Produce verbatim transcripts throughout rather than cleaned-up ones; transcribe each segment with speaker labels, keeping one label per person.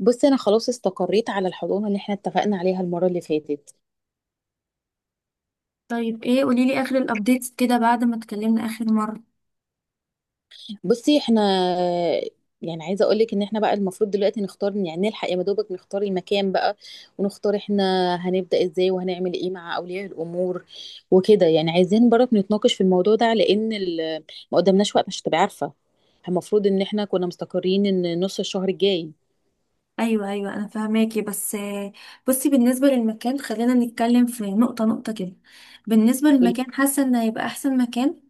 Speaker 1: بصي، انا خلاص استقريت على الحضانه اللي احنا اتفقنا عليها المره اللي فاتت.
Speaker 2: طيب، ايه؟ قوليلي اخر الابديتس كده بعد ما اتكلمنا اخر مرة.
Speaker 1: بصي، احنا يعني عايزه اقول لك ان احنا بقى المفروض دلوقتي نختار، يعني نلحق يا مدوبك نختار المكان بقى، ونختار احنا هنبدا ازاي وهنعمل ايه مع اولياء الامور وكده. يعني عايزين برضه نتناقش في الموضوع ده، لان ال- ما قدامناش وقت، مش هتبقى عارفه. المفروض ان احنا كنا مستقرين ان نص الشهر الجاي.
Speaker 2: ايوه ايوه انا فاهماكي، بس آه، بصي، بالنسبة للمكان خلينا نتكلم في نقطة نقطة كده. بالنسبة
Speaker 1: قولي.
Speaker 2: للمكان، حاسة ان هيبقى احسن مكان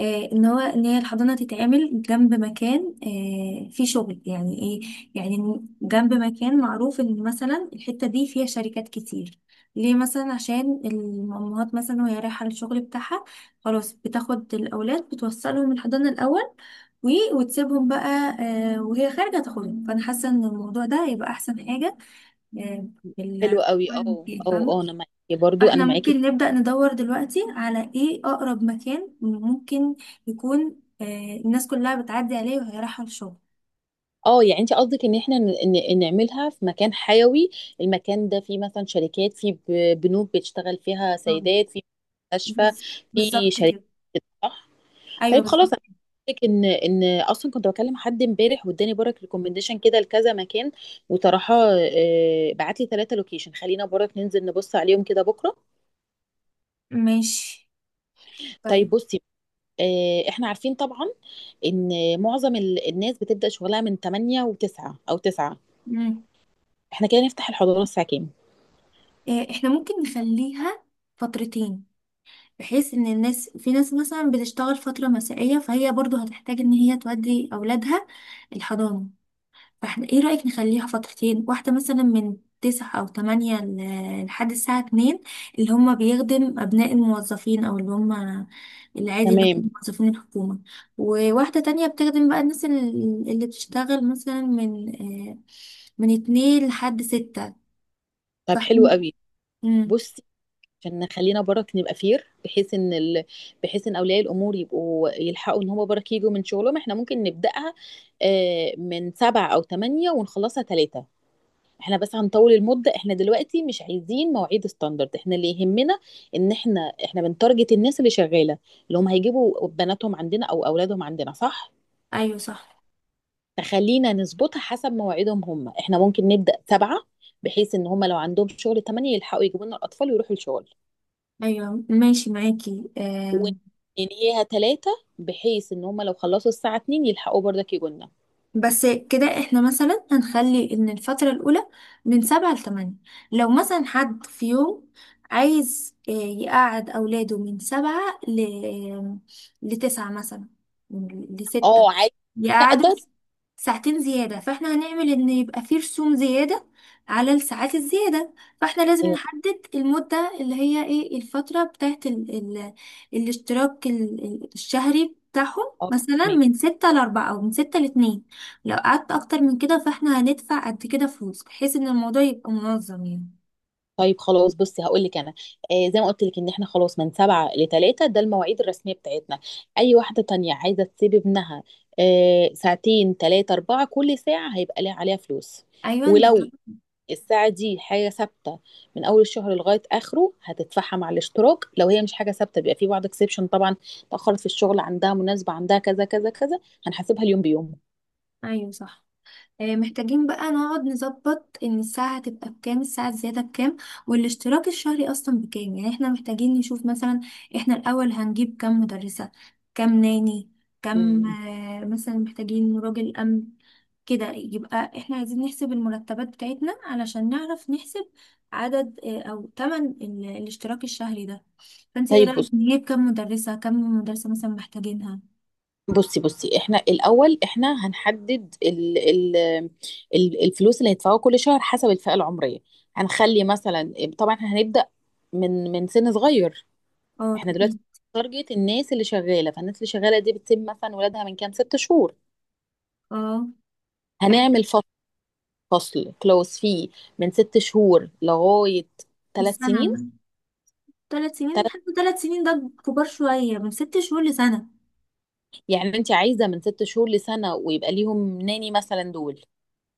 Speaker 2: آه ان هو ان هي الحضانة تتعمل جنب مكان آه فيه شغل، يعني ايه؟ يعني جنب مكان معروف ان مثلا الحتة دي فيها شركات كتير. ليه؟ مثلا عشان الامهات، مثلا وهي رايحة للشغل بتاعها، خلاص بتاخد الاولاد، بتوصلهم الحضانة الاول و- وتسيبهم بقى، آه، وهي خارجة تاخدهم. فأنا حاسة إن الموضوع ده هيبقى أحسن حاجة، آه، في
Speaker 1: حلو
Speaker 2: ال-
Speaker 1: قوي،
Speaker 2: في المكان،
Speaker 1: اه. اه
Speaker 2: فاهمة.
Speaker 1: اه انا معاكي برضو، انا
Speaker 2: فاحنا
Speaker 1: معاكي.
Speaker 2: ممكن نبدأ ندور دلوقتي على ايه أقرب مكان ممكن يكون آه، الناس كلها بتعدي عليه وهي رايحة الشغل.
Speaker 1: اه، يعني انت قصدك ان احنا ن- ن- نعملها في مكان حيوي، المكان ده فيه مثلا شركات، فيه ب- بنوك بتشتغل فيها
Speaker 2: مم.
Speaker 1: سيدات، فيه مستشفى،
Speaker 2: بز-
Speaker 1: فيه
Speaker 2: بالظبط
Speaker 1: شركات،
Speaker 2: كده.
Speaker 1: صح.
Speaker 2: أيوه
Speaker 1: طيب خلاص،
Speaker 2: بالظبط.
Speaker 1: انا قلت لك ان ان اصلا كنت بكلم حد امبارح، واداني برك ريكومنديشن كده لكذا مكان، وطرحه، آه، بعت لي ثلاثه لوكيشن. خلينا برك ننزل نبص عليهم كده بكره.
Speaker 2: ماشي،
Speaker 1: طيب
Speaker 2: طيب.
Speaker 1: بصي، آه، احنا عارفين طبعا ان معظم ال- الناس بتبدأ شغلها من تمانية و9 او تسعة.
Speaker 2: مم.
Speaker 1: احنا كده نفتح الحضانه الساعه كام؟
Speaker 2: آه، احنا ممكن نخليها فترتين، بحيث ان الناس، في ناس مثلا بتشتغل فترة مسائية، فهي برضو هتحتاج ان هي تودي اولادها الحضانة. فاحنا ايه رأيك نخليها فترتين، واحدة مثلا من تسعة او تمانية ل- لحد الساعة اتنين، اللي هم بيخدم ابناء الموظفين او اللي هم العادي اللي هم
Speaker 1: تمام.
Speaker 2: موظفين الحكومة. وواحدة تانية بتخدم بقى الناس ال- اللي بتشتغل مثلا من آه، من اتنين لحد ستة.
Speaker 1: طب حلو
Speaker 2: فاحنا
Speaker 1: قوي.
Speaker 2: مم.
Speaker 1: بصي، عشان نخلينا برك نبقى فير، بحيث ان ال... بحيث ان اولياء الامور يبقوا يلحقوا ان هم برك يجوا من شغلهم، احنا ممكن نبداها آه، من سبعة او ثمانية ونخلصها ثلاثة. احنا بس هنطول المدة، احنا دلوقتي مش عايزين مواعيد ستاندرد، احنا اللي يهمنا ان احنا احنا بنتارجت الناس اللي شغالة، اللي هم هيجيبوا بناتهم عندنا او اولادهم عندنا، صح.
Speaker 2: ايوه صح.
Speaker 1: فخلينا نظبطها حسب مواعيدهم هم، احنا ممكن نبدا سبعة بحيث ان هم لو عندهم شغل تمانية يلحقوا يجيبوا لنا الاطفال ويروحوا الشغل،
Speaker 2: ايوه ماشي معاكي. آم،
Speaker 1: وننهيها ثلاثة بحيث ان هما لو خلصوا الساعة اتنين يلحقوا برضك يجونا.
Speaker 2: بس كده احنا مثلا هنخلي ان الفترة الأولى من سبعة لتمانية. لو مثلا حد في يوم عايز آه، يقعد أولاده من سبعة ل... لتسعة مثلا، لستة،
Speaker 1: اه، عادي.
Speaker 2: دي
Speaker 1: لا
Speaker 2: قعدة
Speaker 1: ده،
Speaker 2: ساعتين زيادة، فاحنا هنعمل ان يبقى فيه رسوم زيادة على الساعات الزيادة. فاحنا لازم
Speaker 1: ايوه
Speaker 2: نحدد المدة اللي هي ايه الفترة بتاعت ال ال الاشتراك ال- ال- الشهري بتاعهم،
Speaker 1: اه،
Speaker 2: مثلا
Speaker 1: ماشي.
Speaker 2: من ستة لأربعة أو من ستة لاتنين. لو قعدت أكتر من كده، فاحنا هندفع قد كده فلوس، بحيث ان الموضوع يبقى منظم يعني.
Speaker 1: طيب خلاص بصي، هقول لك انا، آه زي ما قلت لك ان احنا خلاص من سبعة لثلاثة، ده المواعيد الرسمية بتاعتنا. اي واحدة تانية عايزة تسيب ابنها آه ساعتين، ثلاثة، أربعة، كل ساعة هيبقى ليها عليها فلوس.
Speaker 2: أيوة بالظبط.
Speaker 1: ولو الساعة دي حاجة ثابتة من أول الشهر لغاية آخره هتدفعها مع الاشتراك. لو هي مش حاجة ثابتة بيبقى في بعض اكسبشن طبعا، تأخرت في الشغل، عندها مناسبة، عندها كذا كذا كذا، هنحاسبها اليوم بيومه.
Speaker 2: أيوة صح. آه، محتاجين بقى نقعد نظبط ان الساعة هتبقى بكام، الساعة الزيادة بكام، والاشتراك الشهري اصلا بكام. يعني احنا محتاجين نشوف مثلا احنا الاول هنجيب كام مدرسة، كام ناني، كام
Speaker 1: مم.
Speaker 2: آه، مثلا محتاجين راجل امن. كده يبقى احنا عايزين نحسب المرتبات بتاعتنا علشان نعرف نحسب عدد آه، او تمن ال- الاشتراك الشهري ده. فانت ايه
Speaker 1: طيب
Speaker 2: رأيك
Speaker 1: بص،
Speaker 2: نجيب كام مدرسة؟ كام مدرسة مثلا محتاجينها؟
Speaker 1: بصي بصي احنا الأول، احنا هنحدد ال ال ال الفلوس اللي هيدفعوها كل شهر حسب الفئة العمرية. هنخلي مثلا، طبعا احنا هنبدأ من من سن صغير.
Speaker 2: اه
Speaker 1: احنا دلوقتي
Speaker 2: اكيد.
Speaker 1: تارجت الناس اللي شغالة، فالناس اللي شغالة دي بتسيب مثلا ولادها من كام؟ ست شهور.
Speaker 2: اه احنا
Speaker 1: هنعمل فصل كلوز فيه من ست شهور لغاية
Speaker 2: في
Speaker 1: ثلاث
Speaker 2: السنة،
Speaker 1: سنين
Speaker 2: ثلاث سنين،
Speaker 1: تلت.
Speaker 2: لحد ثلاث سنين ده كبار شوية، من ست شهور لسنة.
Speaker 1: يعني انت عايزة من ست شهور لسنة، ويبقى ليهم ناني مثلا دول؟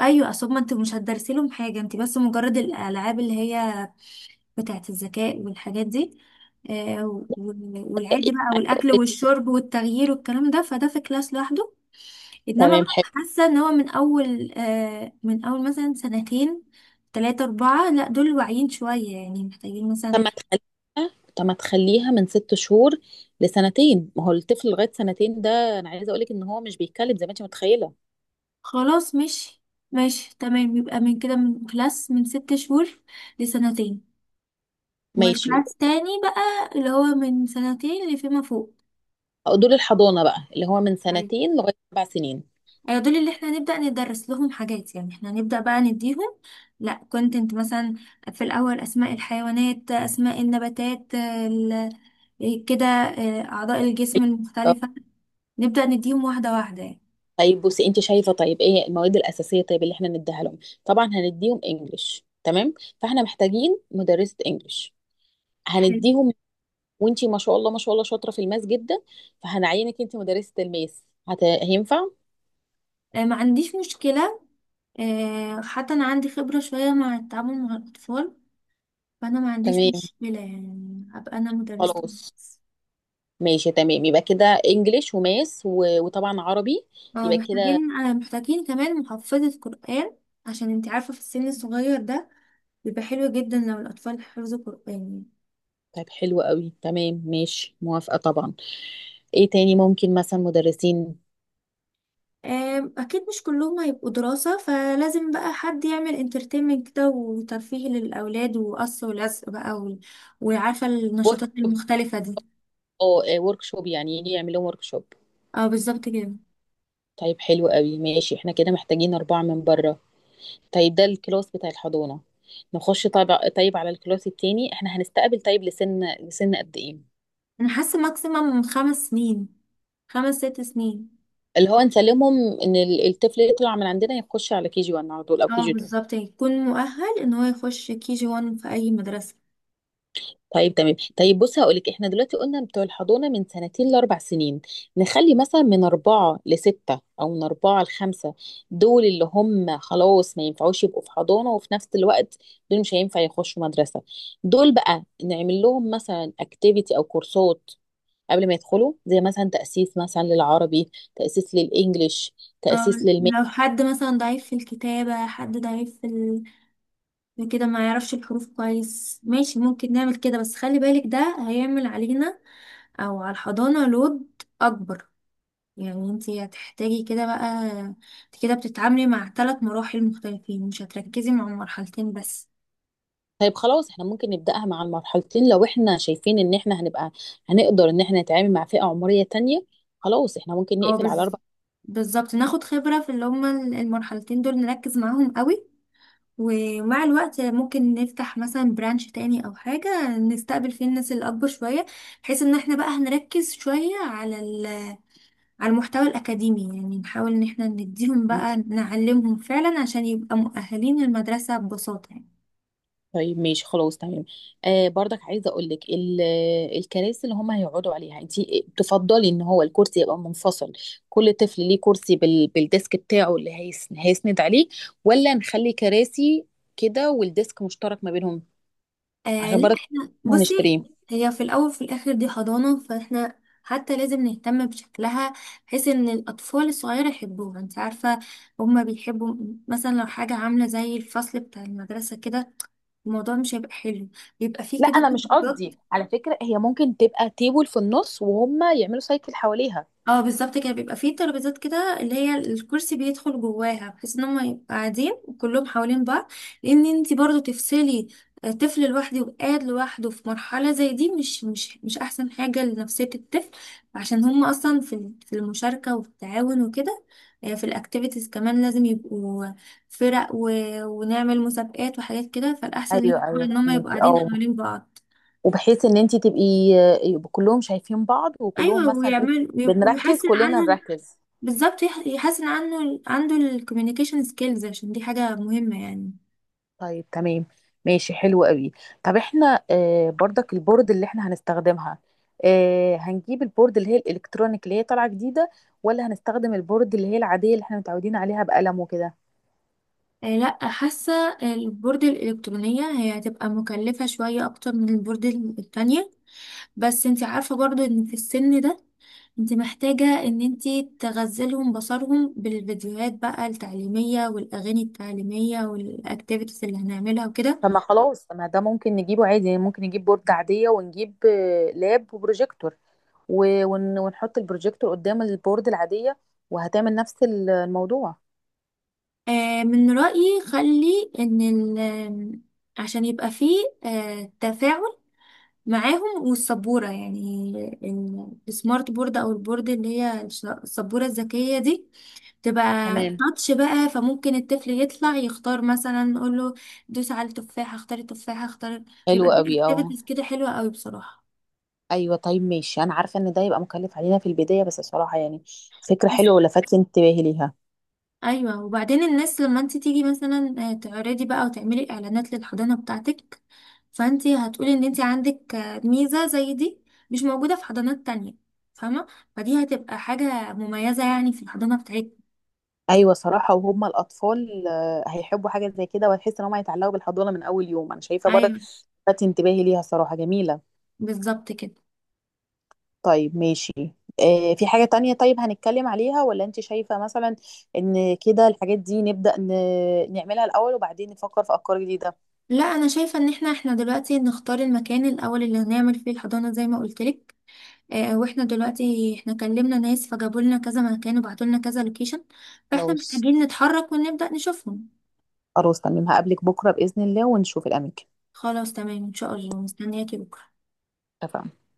Speaker 2: أيوة، أصل ما أنت مش هتدرسي لهم حاجة، أنت بس مجرد الألعاب اللي هي بتاعة الذكاء والحاجات دي، آه وال- والعادي
Speaker 1: إيه؟
Speaker 2: بقى،
Speaker 1: عايزة
Speaker 2: والأكل
Speaker 1: أقولك.
Speaker 2: والشرب والتغيير والكلام ده، فده في كلاس لوحده. إنما
Speaker 1: تمام،
Speaker 2: بقى
Speaker 1: حلو.
Speaker 2: حاسة إن هو من أول آه من أول مثلا سنتين تلاتة أربعة، لأ دول واعيين شوية، يعني محتاجين مثلا.
Speaker 1: طب ما تخليها طب ما تخليها من ست شهور لسنتين. ما هو الطفل لغاية سنتين ده انا عايزة اقولك ان هو مش بيتكلم زي ما انت متخيلة.
Speaker 2: خلاص ماشي. ماشي تمام، يبقى من كده من كلاس من ست شهور لسنتين،
Speaker 1: ماشي.
Speaker 2: والكلاس تاني بقى اللي هو من سنتين اللي فيما فوق.
Speaker 1: دول الحضانة بقى اللي هو من
Speaker 2: أيوة.
Speaker 1: سنتين لغاية سبع سنين.
Speaker 2: ايوه دول اللي احنا نبدأ ندرس لهم حاجات، يعني احنا نبدأ بقى نديهم لا كونتنت مثلا، في الأول أسماء الحيوانات، أسماء النباتات، ال- كده آه، أعضاء الجسم المختلفة، نبدأ نديهم واحدة واحدة يعني.
Speaker 1: طيب بصي، انت شايفه؟ طيب ايه المواد الاساسيه طيب اللي احنا نديها لهم؟ طبعا هنديهم انجليش، تمام، فاحنا محتاجين مدرسه انجليش.
Speaker 2: حلو.
Speaker 1: هنديهم. وانت، ما شاء الله ما شاء الله، شاطره في الماس جدا، فهنعينك انت مدرسه الماس. هت... هينفع؟
Speaker 2: آه، ما عنديش مشكلة، آه، حتى أنا عندي خبرة شوية مع التعامل مع الأطفال، فأنا ما عنديش
Speaker 1: تمام،
Speaker 2: مشكلة يعني أبقى أنا مدرسة.
Speaker 1: خلاص، ماشي تمام، يبقى كده انجليش وماس و... وطبعا عربي.
Speaker 2: اه
Speaker 1: يبقى كده.
Speaker 2: محتاجين آه محتاجين كمان محفظة قرآن، عشان انت عارفة في السن الصغير ده بيبقى حلو جدا لو الأطفال حفظوا قرآن يعني.
Speaker 1: طيب حلو قوي، تمام، ماشي، موافقه طبعا. ايه تاني؟ ممكن مثلا مدرسين
Speaker 2: آم، أكيد مش كلهم هيبقوا دراسة، فلازم بقى حد يعمل انترتينمنت كده وترفيه للأولاد، وقص ولزق بقى و... وعارفة
Speaker 1: ورك
Speaker 2: النشاطات المختلفة دي.
Speaker 1: اه ورك شوب، يعني يجي يعمل لهم ورك شوب.
Speaker 2: اه بالظبط كده.
Speaker 1: طيب حلو قوي، ماشي، احنا كده محتاجين أربعة من بره. طيب، ده الكلاس بتاع الحضانة. نخش طيب، طيب على الكلاس التاني، احنا هنستقبل طيب لسن لسن قد ايه؟
Speaker 2: أنا حاسة ماكسيمم خمس سنين، خمس ست سنين.
Speaker 1: اللي هو نسلمهم ان ال- الطفل يطلع من عندنا يخش على كي جي واحد على طول، او كي
Speaker 2: اه
Speaker 1: جي اتنين.
Speaker 2: بالظبط، يعني يكون مؤهل ان هو يخش كي جي وان في اي مدرسة.
Speaker 1: طيب تمام. طيب بص هقولك، احنا دلوقتي قلنا بتوع الحضانة من سنتين لأربع سنين، نخلي مثلا من أربعة لستة أو من أربعة لخمسة. دول اللي هم خلاص ما ينفعوش يبقوا في حضانة، وفي نفس الوقت دول مش هينفع يخشوا مدرسة. دول بقى نعمل لهم مثلا اكتيفيتي أو كورسات قبل ما يدخلوا، زي مثلا تأسيس مثلا للعربي، تأسيس للإنجليش،
Speaker 2: اه،
Speaker 1: تأسيس.
Speaker 2: لو حد مثلا ضعيف في الكتابة، حد ضعيف في ال... في كده، ما يعرفش الحروف كويس، ماشي ممكن نعمل كده، بس خلي بالك ده هيعمل علينا او على الحضانة لود اكبر. يعني انتي هتحتاجي كده بقى، انت كده بتتعاملي مع ثلاث مراحل مختلفين، مش هتركزي مع مرحلتين بس.
Speaker 1: طيب خلاص احنا ممكن نبدأها مع المرحلتين، لو احنا شايفين ان احنا هنبقى هنقدر ان احنا نتعامل مع فئة عمرية تانية خلاص احنا ممكن
Speaker 2: هو
Speaker 1: نقفل على
Speaker 2: بز...
Speaker 1: اربع
Speaker 2: بالظبط، ناخد خبرة في اللي هما المرحلتين دول، نركز معاهم قوي، ومع الوقت ممكن نفتح مثلا برانش تاني او حاجة نستقبل فيه الناس اللي اكبر شوية، بحيث ان احنا بقى هنركز شوية على ال- على المحتوى الاكاديمي، يعني نحاول ان احنا نديهم
Speaker 1: سنين
Speaker 2: بقى، نعلمهم فعلا عشان يبقى مؤهلين للمدرسة ببساطة يعني.
Speaker 1: طيب ماشي، خلاص تمام. آه برضك عايزة اقول لك، ال- آه، الكراسي اللي هم هيقعدوا عليها، انت تفضلي ان هو الكرسي يبقى منفصل، كل طفل ليه كرسي بال بالديسك بتاعه اللي هيس هيسند عليه، ولا نخلي كراسي كده والديسك مشترك ما بينهم؟
Speaker 2: آه
Speaker 1: عشان
Speaker 2: لا،
Speaker 1: برضك
Speaker 2: احنا بصي،
Speaker 1: هنشتريه.
Speaker 2: هي في الاول وفي الاخر دي حضانه، فاحنا حتى لازم نهتم بشكلها، بحيث ان الاطفال الصغيره يحبوها. انت عارفه هما بيحبوا، مثلا لو حاجه عامله زي الفصل بتاع المدرسه كده، الموضوع مش هيبقى حلو. بيبقى فيه
Speaker 1: لا
Speaker 2: كده
Speaker 1: انا مش
Speaker 2: تجربات.
Speaker 1: قصدي، على فكره هي ممكن تبقى تيبل في النص وهم يعملوا سايكل حواليها.
Speaker 2: اه بالظبط كده، بيبقى فيه ترابيزات كده اللي هي الكرسي بيدخل جواها، بحيث ان هم يبقوا قاعدين وكلهم حوالين بعض، لان انت برضو تفصلي آه، طفل لوحده وقاعد لوحده في مرحلة زي دي، مش مش مش احسن حاجة لنفسية الطفل، عشان هم اصلا في ال- في المشاركة وفي التعاون وكده. آه، في الاكتيفيتيز كمان لازم يبقوا فرق و... ونعمل مسابقات وحاجات كده، فالاحسن ليهم
Speaker 1: ايوه
Speaker 2: طبعا
Speaker 1: ايوه
Speaker 2: ان هم يبقوا
Speaker 1: فهميكي،
Speaker 2: قاعدين
Speaker 1: اه.
Speaker 2: حوالين بعض.
Speaker 1: وبحيث ان انت تبقي يبقوا كلهم شايفين بعض، وكلهم
Speaker 2: ايوه
Speaker 1: مثلا ايه،
Speaker 2: ويعمل ويبقوا
Speaker 1: بنركز،
Speaker 2: بيحسن
Speaker 1: كلنا
Speaker 2: عنهم.
Speaker 1: نركز.
Speaker 2: بالظبط، يح- يحسن عنه عنده الكوميونيكيشن سكيلز، عشان دي حاجة مهمة يعني.
Speaker 1: طيب تمام، ماشي، حلو قوي. طب احنا آه برضك البورد اللي احنا هنستخدمها، آه هنجيب البورد اللي هي الالكترونيك اللي هي طالعه جديده، ولا هنستخدم البورد اللي هي العاديه اللي احنا متعودين عليها بقلم وكده؟
Speaker 2: آه، لا حاسة البورد الإلكترونية هي هتبقى مكلفة شوية أكتر من البورد التانية، بس انتي عارفة برضو ان في السن ده انت محتاجة ان انت تغزلهم بصرهم بالفيديوهات بقى التعليمية والاغاني التعليمية والاكتيفيتيز اللي هنعملها وكده.
Speaker 1: طب ما خلاص، طب ما ده ممكن نجيبه عادي يعني، ممكن نجيب بورد عادية ونجيب آه، لاب وبروجيكتور، و- ون- ونحط البروجيكتور قدام البورد العادية، وهتعمل نفس ال- الموضوع.
Speaker 2: آه من رأيي، خلي ان ال آم، عشان يبقى فيه آه تفاعل معاهم، والسبورة يعني ال- السمارت بورد، أو البورد اللي هي الش- السبورة الذكية دي، تبقى
Speaker 1: تمام،
Speaker 2: تاتش بقى، فممكن الطفل يطلع يختار، مثلا نقول له دوس على التفاحة، اختار التفاحة، اختار.
Speaker 1: حلو
Speaker 2: يبقى في
Speaker 1: قوي، اه.
Speaker 2: اكتيفيتيز كده حلوة قوي بصراحة.
Speaker 1: ايوه طيب ماشي، انا عارفه ان ده يبقى مكلف علينا في البدايه، بس صراحه يعني فكره
Speaker 2: بس
Speaker 1: حلوه ولفت انتباهي ليها.
Speaker 2: ايوه، وبعدين الناس لما انت تيجي مثلا آه، تعرضي بقى وتعملي اعلانات للحضانه بتاعتك، فانت هتقولي ان انت عندك آه، ميزه زي دي مش موجوده في حضانات تانية، فاهمه. فدي هتبقى حاجه مميزه يعني في الحضانه بتاعتنا.
Speaker 1: ايوه صراحه، وهم الاطفال آه، هيحبوا حاجه زي كده، وهتحس ان هم هيتعلقوا بالحضانه من اول يوم، انا شايفه برضه
Speaker 2: ايوه
Speaker 1: لفت انتباهي ليها، صراحه جميله.
Speaker 2: بالظبط كده.
Speaker 1: طيب ماشي. آه، في حاجة تانية طيب هنتكلم عليها، ولا انت شايفة مثلا ان كده الحاجات دي نبدأ ن- نعملها الأول وبعدين نفكر في أفكار جديدة؟
Speaker 2: لا انا شايفه ان احنا احنا دلوقتي نختار المكان الاول اللي هنعمل فيه الحضانه زي ما قلت لك. آه، واحنا دلوقتي احنا كلمنا ناس فجابوا لنا كذا مكان وبعتوا لنا كذا لوكيشن، فاحنا
Speaker 1: خلاص.
Speaker 2: محتاجين نتحرك ونبدا نشوفهم.
Speaker 1: خلاص تمام، هقابلك بكرة بإذن الله ونشوف الأماكن.
Speaker 2: خلاص تمام، ان شاء الله مستنياكي بكره.
Speaker 1: اتفقنا.